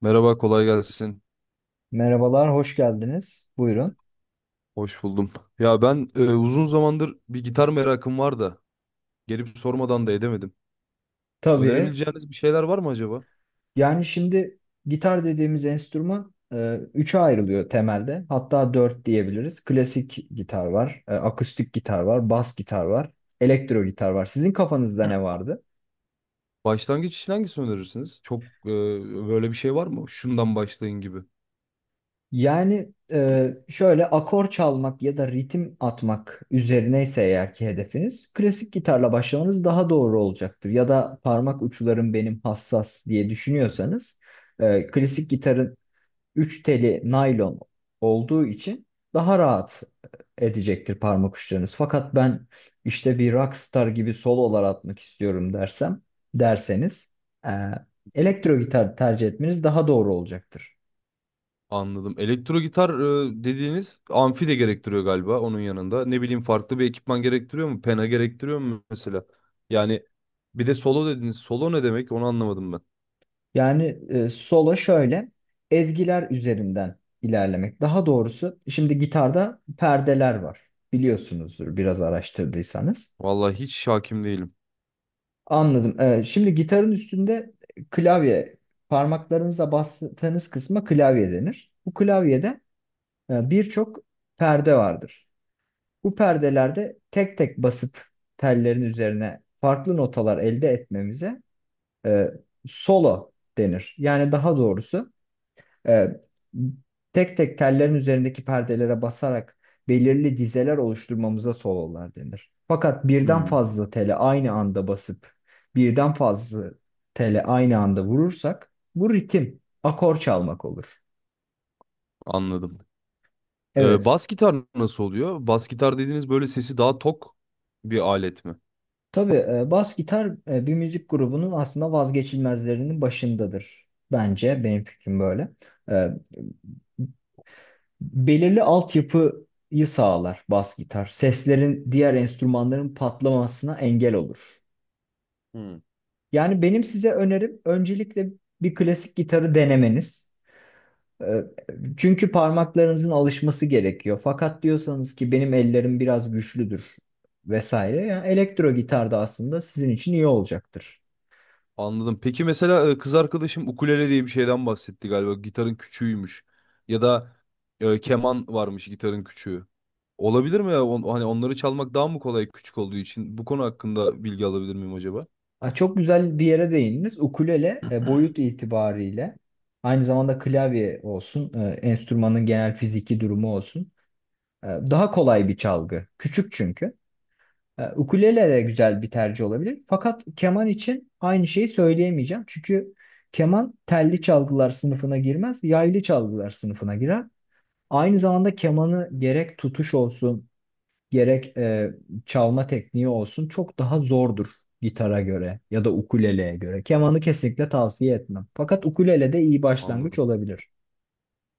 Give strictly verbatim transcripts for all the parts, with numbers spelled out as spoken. Merhaba, kolay gelsin. Merhabalar, hoş geldiniz. Buyurun. Hoş buldum. Ya ben e, uzun zamandır bir gitar merakım var da gelip sormadan da edemedim. Tabii. Önerebileceğiniz bir şeyler var mı acaba? Yani, şimdi gitar dediğimiz enstrüman e, üçe ayrılıyor temelde. Hatta dört diyebiliriz. Klasik gitar var, e, akustik gitar var, bas gitar var, elektro gitar var. Sizin kafanızda ne vardı? Başlangıç için hangisini önerirsiniz? Çok e, böyle bir şey var mı? Şundan başlayın gibi. Yani, e, şöyle akor çalmak ya da ritim atmak üzerineyse eğer ki hedefiniz, klasik gitarla başlamanız daha doğru olacaktır. Ya da parmak uçlarım benim hassas diye düşünüyorsanız, e, klasik gitarın üç teli naylon olduğu için daha rahat edecektir parmak uçlarınız. Fakat ben işte bir rockstar gibi sololar atmak istiyorum dersem, derseniz, e, Hı. elektro gitar tercih etmeniz daha doğru olacaktır. Anladım. Elektro gitar e, dediğiniz amfi de gerektiriyor galiba onun yanında. Ne bileyim farklı bir ekipman gerektiriyor mu? Pena gerektiriyor mu mesela? Yani bir de solo dediniz. Solo ne demek? Onu anlamadım ben. Yani, e, solo şöyle ezgiler üzerinden ilerlemek. Daha doğrusu şimdi gitarda perdeler var. Biliyorsunuzdur biraz araştırdıysanız. Vallahi hiç hakim değilim. Anladım. Ee, şimdi gitarın üstünde klavye, parmaklarınızla bastığınız kısma klavye denir. Bu klavyede e, birçok perde vardır. Bu perdelerde tek tek basıp tellerin üzerine farklı notalar elde etmemize e, solo denir. Yani, daha doğrusu, e, tek tek tellerin üzerindeki perdelere basarak belirli dizeler oluşturmamıza sololar denir. Fakat birden Hmm. fazla tele aynı anda basıp birden fazla tele aynı anda vurursak bu ritim, akor çalmak olur. Anladım. Ee, Evet. Bas gitar nasıl oluyor? Bas gitar dediğiniz böyle sesi daha tok bir alet mi? Tabii, e, bas gitar, e, bir müzik grubunun aslında vazgeçilmezlerinin başındadır. Bence benim fikrim böyle. E, Belirli altyapıyı sağlar bas gitar. Seslerin diğer enstrümanların patlamasına engel olur. Hmm. Yani, benim size önerim öncelikle bir klasik gitarı denemeniz. Ee, Çünkü parmaklarınızın alışması gerekiyor. Fakat diyorsanız ki benim ellerim biraz güçlüdür vesaire. Yani, elektro gitar da aslında sizin için iyi olacaktır. Anladım. Peki mesela e, kız arkadaşım ukulele diye bir şeyden bahsetti galiba. Gitarın küçüğüymüş. Ya da e, keman varmış gitarın küçüğü. Olabilir mi ya? On- hani onları çalmak daha mı kolay küçük olduğu için? Bu konu hakkında bilgi alabilir miyim acaba? Ha, çok güzel bir yere değindiniz. Ukulele e, boyut itibariyle aynı zamanda klavye olsun, e, enstrümanın genel fiziki durumu olsun. E, Daha kolay bir çalgı. Küçük çünkü. E, Ukulele de güzel bir tercih olabilir. Fakat keman için aynı şeyi söyleyemeyeceğim. Çünkü keman telli çalgılar sınıfına girmez, yaylı çalgılar sınıfına girer. Aynı zamanda kemanı gerek tutuş olsun, gerek e, çalma tekniği olsun çok daha zordur gitara göre ya da ukuleleye göre. Kemanı kesinlikle tavsiye etmem. Fakat ukulele de iyi başlangıç Anladım. olabilir.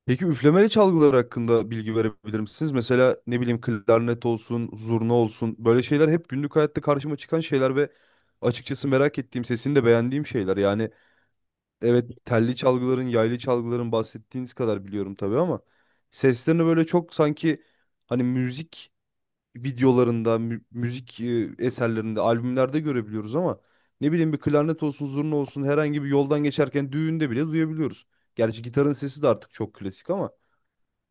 Peki üflemeli çalgılar hakkında bilgi verebilir misiniz? Mesela ne bileyim klarnet olsun, zurna olsun böyle şeyler hep günlük hayatta karşıma çıkan şeyler ve açıkçası merak ettiğim, sesini de beğendiğim şeyler. Yani evet telli çalgıların, yaylı çalgıların bahsettiğiniz kadar biliyorum tabii ama seslerini böyle çok sanki hani müzik videolarında, mü- müzik e, eserlerinde, albümlerde görebiliyoruz ama ne bileyim bir klarnet olsun, zurna olsun herhangi bir yoldan geçerken düğünde bile duyabiliyoruz. Gerçi gitarın sesi de artık çok klasik ama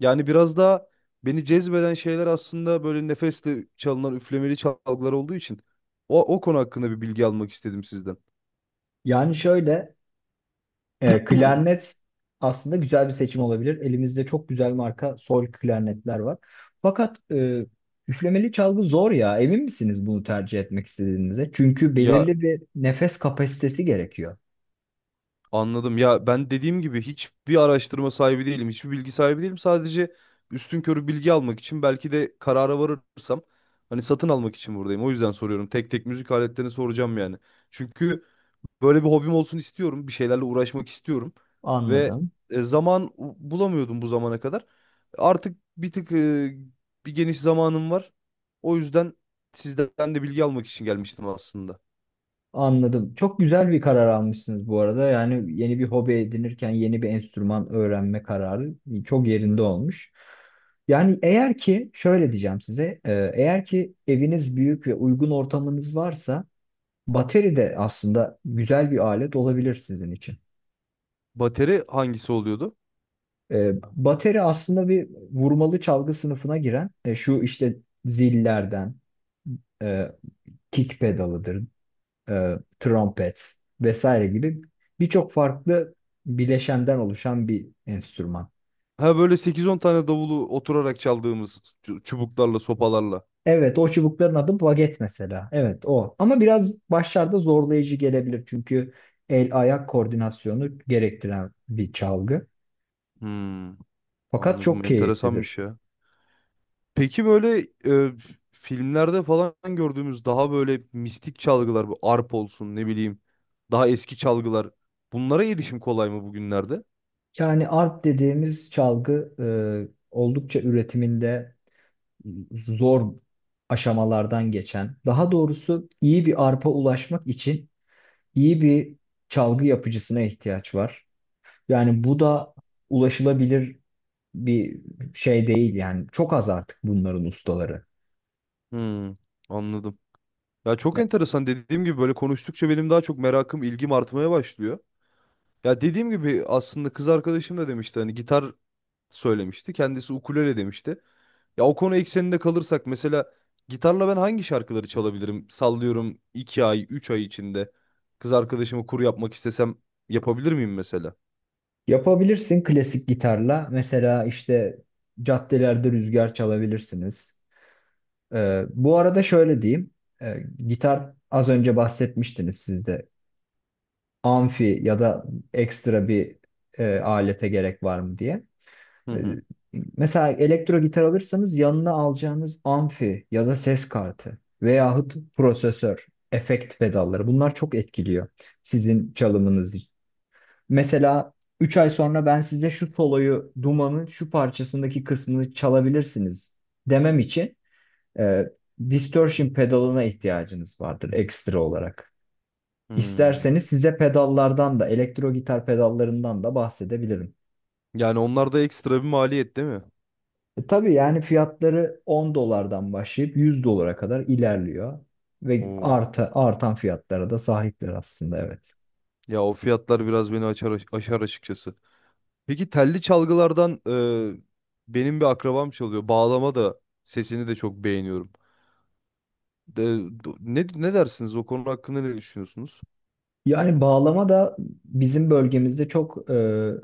yani biraz daha beni cezbeden şeyler aslında böyle nefesle çalınan üflemeli çalgılar olduğu için o, o konu hakkında bir bilgi almak istedim sizden. Yani, şöyle, E, klarnet aslında güzel bir seçim olabilir. Elimizde çok güzel marka sol klarnetler var. Fakat e, üflemeli çalgı zor ya. Emin misiniz bunu tercih etmek istediğinize? Çünkü Ya belirli bir nefes kapasitesi gerekiyor. anladım. Ya ben dediğim gibi hiçbir araştırma sahibi değilim. Hiçbir bilgi sahibi değilim. Sadece üstünkörü bilgi almak için belki de karara varırsam hani satın almak için buradayım. O yüzden soruyorum. Tek tek müzik aletlerini soracağım yani. Çünkü böyle bir hobim olsun istiyorum. Bir şeylerle uğraşmak istiyorum. Ve Anladım. e, zaman u- bulamıyordum bu zamana kadar. Artık bir tık e, bir geniş zamanım var. O yüzden sizden de bilgi almak için gelmiştim aslında. Anladım. Çok güzel bir karar almışsınız bu arada. Yani, yeni bir hobi edinirken yeni bir enstrüman öğrenme kararı çok yerinde olmuş. Yani, eğer ki şöyle diyeceğim size, e, eğer ki eviniz büyük ve uygun ortamınız varsa bateri de aslında güzel bir alet olabilir sizin için. Bateri hangisi oluyordu? Ee, bateri aslında bir vurmalı çalgı sınıfına giren, e, şu işte zillerden, e, kick pedalıdır, e, trompet vesaire gibi birçok farklı bileşenden oluşan bir enstrüman. Ha böyle sekiz on tane davulu oturarak çaldığımız çu- çubuklarla, sopalarla. Evet, o çubukların adı baget mesela. Evet, o. Ama biraz başlarda zorlayıcı gelebilir çünkü el ayak koordinasyonu gerektiren bir çalgı. Hmm, Fakat çok anladım. keyiflidir. Enteresanmış ya. Peki böyle e, filmlerde falan gördüğümüz daha böyle mistik çalgılar, bu arp olsun ne bileyim, daha eski çalgılar. Bunlara erişim kolay mı bugünlerde? Yani, arp dediğimiz çalgı e, oldukça üretiminde zor aşamalardan geçen, daha doğrusu iyi bir arpa ulaşmak için iyi bir çalgı yapıcısına ihtiyaç var. Yani, bu da ulaşılabilir bir şey değil, yani çok az artık bunların ustaları. Hmm, anladım. Ya çok enteresan dediğim gibi böyle konuştukça benim daha çok merakım, ilgim artmaya başlıyor. Ya dediğim gibi aslında kız arkadaşım da demişti hani gitar söylemişti. Kendisi ukulele demişti. Ya o konu ekseninde kalırsak mesela gitarla ben hangi şarkıları çalabilirim? Sallıyorum iki ay, üç ay içinde kız arkadaşımı kur yapmak istesem yapabilir miyim mesela? Yapabilirsin klasik gitarla mesela işte caddelerde rüzgar çalabilirsiniz. Ee, bu arada şöyle diyeyim. Ee, gitar az önce bahsetmiştiniz siz de. Amfi ya da ekstra bir e, alete gerek var mı diye. Hı Ee, hı. mesela elektro gitar alırsanız yanına alacağınız amfi ya da ses kartı veyahut prosesör, efekt pedalları bunlar çok etkiliyor sizin çalımınızı. Mesela üç ay sonra ben size şu soloyu, Duman'ın şu parçasındaki kısmını çalabilirsiniz demem için e, distortion pedalına ihtiyacınız vardır ekstra olarak. Hmm. İsterseniz size pedallardan da elektro gitar pedallarından da bahsedebilirim. Yani onlar da ekstra bir maliyet değil mi? E, tabii, yani fiyatları on dolardan başlayıp yüz dolara kadar ilerliyor ve Oo. arta, artan fiyatlara da sahipler aslında, evet. Ya o fiyatlar biraz beni açar, aşar açıkçası. Peki telli çalgılardan e, benim bir akrabam çalıyor. Bağlama da sesini de çok beğeniyorum. De- do- ne, ne dersiniz o konu hakkında ne düşünüyorsunuz? Yani, bağlama da bizim bölgemizde çok e,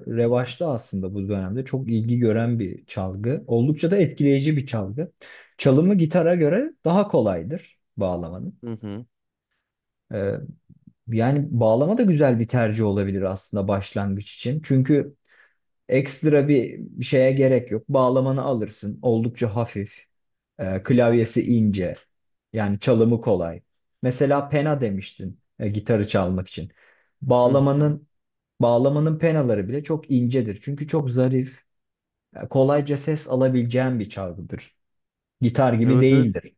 revaçta aslında bu dönemde. Çok ilgi gören bir çalgı. Oldukça da etkileyici bir çalgı. Çalımı gitara göre daha kolaydır bağlamanın. Hı hı. E, Yani, bağlama da güzel bir tercih olabilir aslında başlangıç için. Çünkü ekstra bir şeye gerek yok. Bağlamanı alırsın. Oldukça hafif. E, klavyesi ince. Yani, çalımı kolay. Mesela pena demiştin e, gitarı çalmak için. Hı hı. Bağlamanın bağlamanın penaları bile çok incedir. Çünkü çok zarif, e, kolayca ses alabileceğin bir çalgıdır. Gitar gibi Evet, evet. değildir.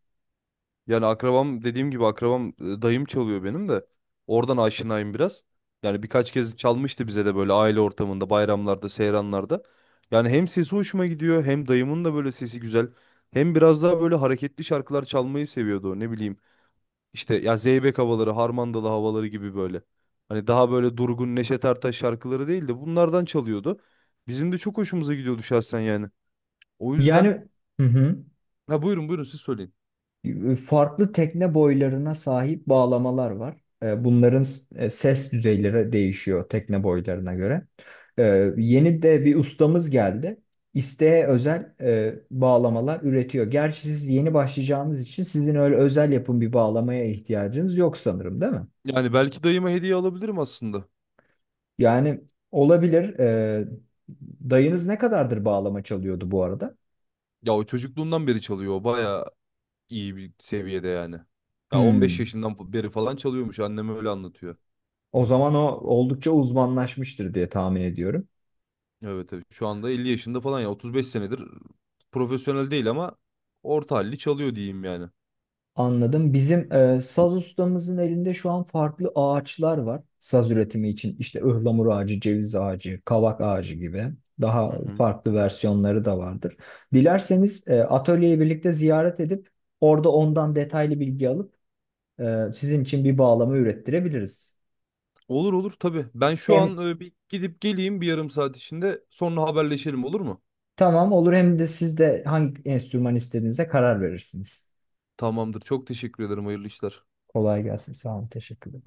Yani akrabam dediğim gibi akrabam e, dayım çalıyor benim de. Oradan aşinayım biraz. Yani birkaç kez çalmıştı bize de böyle aile ortamında, bayramlarda, seyranlarda. Yani hem sesi hoşuma gidiyor hem dayımın da böyle sesi güzel. Hem biraz daha böyle hareketli şarkılar çalmayı seviyordu. o, Ne bileyim. İşte ya Zeybek havaları, Harmandalı havaları gibi böyle. Hani daha böyle durgun Neşet Ertaş şarkıları değil de bunlardan çalıyordu. Bizim de çok hoşumuza gidiyordu şahsen yani. O yüzden Yani, hı hı. ha, buyurun buyurun siz söyleyin. E, farklı tekne boylarına sahip bağlamalar var. E, Bunların s- e, ses düzeyleri değişiyor tekne boylarına göre. E, Yeni de bir ustamız geldi. İsteğe özel e, bağlamalar üretiyor. Gerçi siz yeni başlayacağınız için sizin öyle özel yapım bir bağlamaya ihtiyacınız yok sanırım, değil mi? Yani belki dayıma hediye alabilirim aslında. Yani, olabilir. E, dayınız ne kadardır bağlama çalıyordu bu arada? Ya o çocukluğundan beri çalıyor. O bayağı iyi bir seviyede yani. Ya on beş Hmm. yaşından beri falan çalıyormuş. Annem öyle anlatıyor. O zaman o oldukça uzmanlaşmıştır diye tahmin ediyorum. Evet, evet. Şu anda elli yaşında falan ya otuz beş senedir profesyonel değil ama orta halli çalıyor diyeyim yani. Anladım. Bizim e, saz ustamızın elinde şu an farklı ağaçlar var. Saz üretimi için işte ıhlamur ağacı, ceviz ağacı, kavak ağacı gibi daha Hı hı. farklı versiyonları da vardır. Dilerseniz e, atölyeyi birlikte ziyaret edip orada ondan detaylı bilgi alıp e, sizin için bir bağlama ürettirebiliriz. Olur, olur, tabii. Ben şu Hem an e, bir gidip geleyim bir yarım saat içinde. Sonra haberleşelim olur mu? tamam olur hem de siz de hangi enstrüman istediğinize karar verirsiniz. Tamamdır. Çok teşekkür ederim. Hayırlı işler. Kolay gelsin. Sağ olun. Teşekkürler.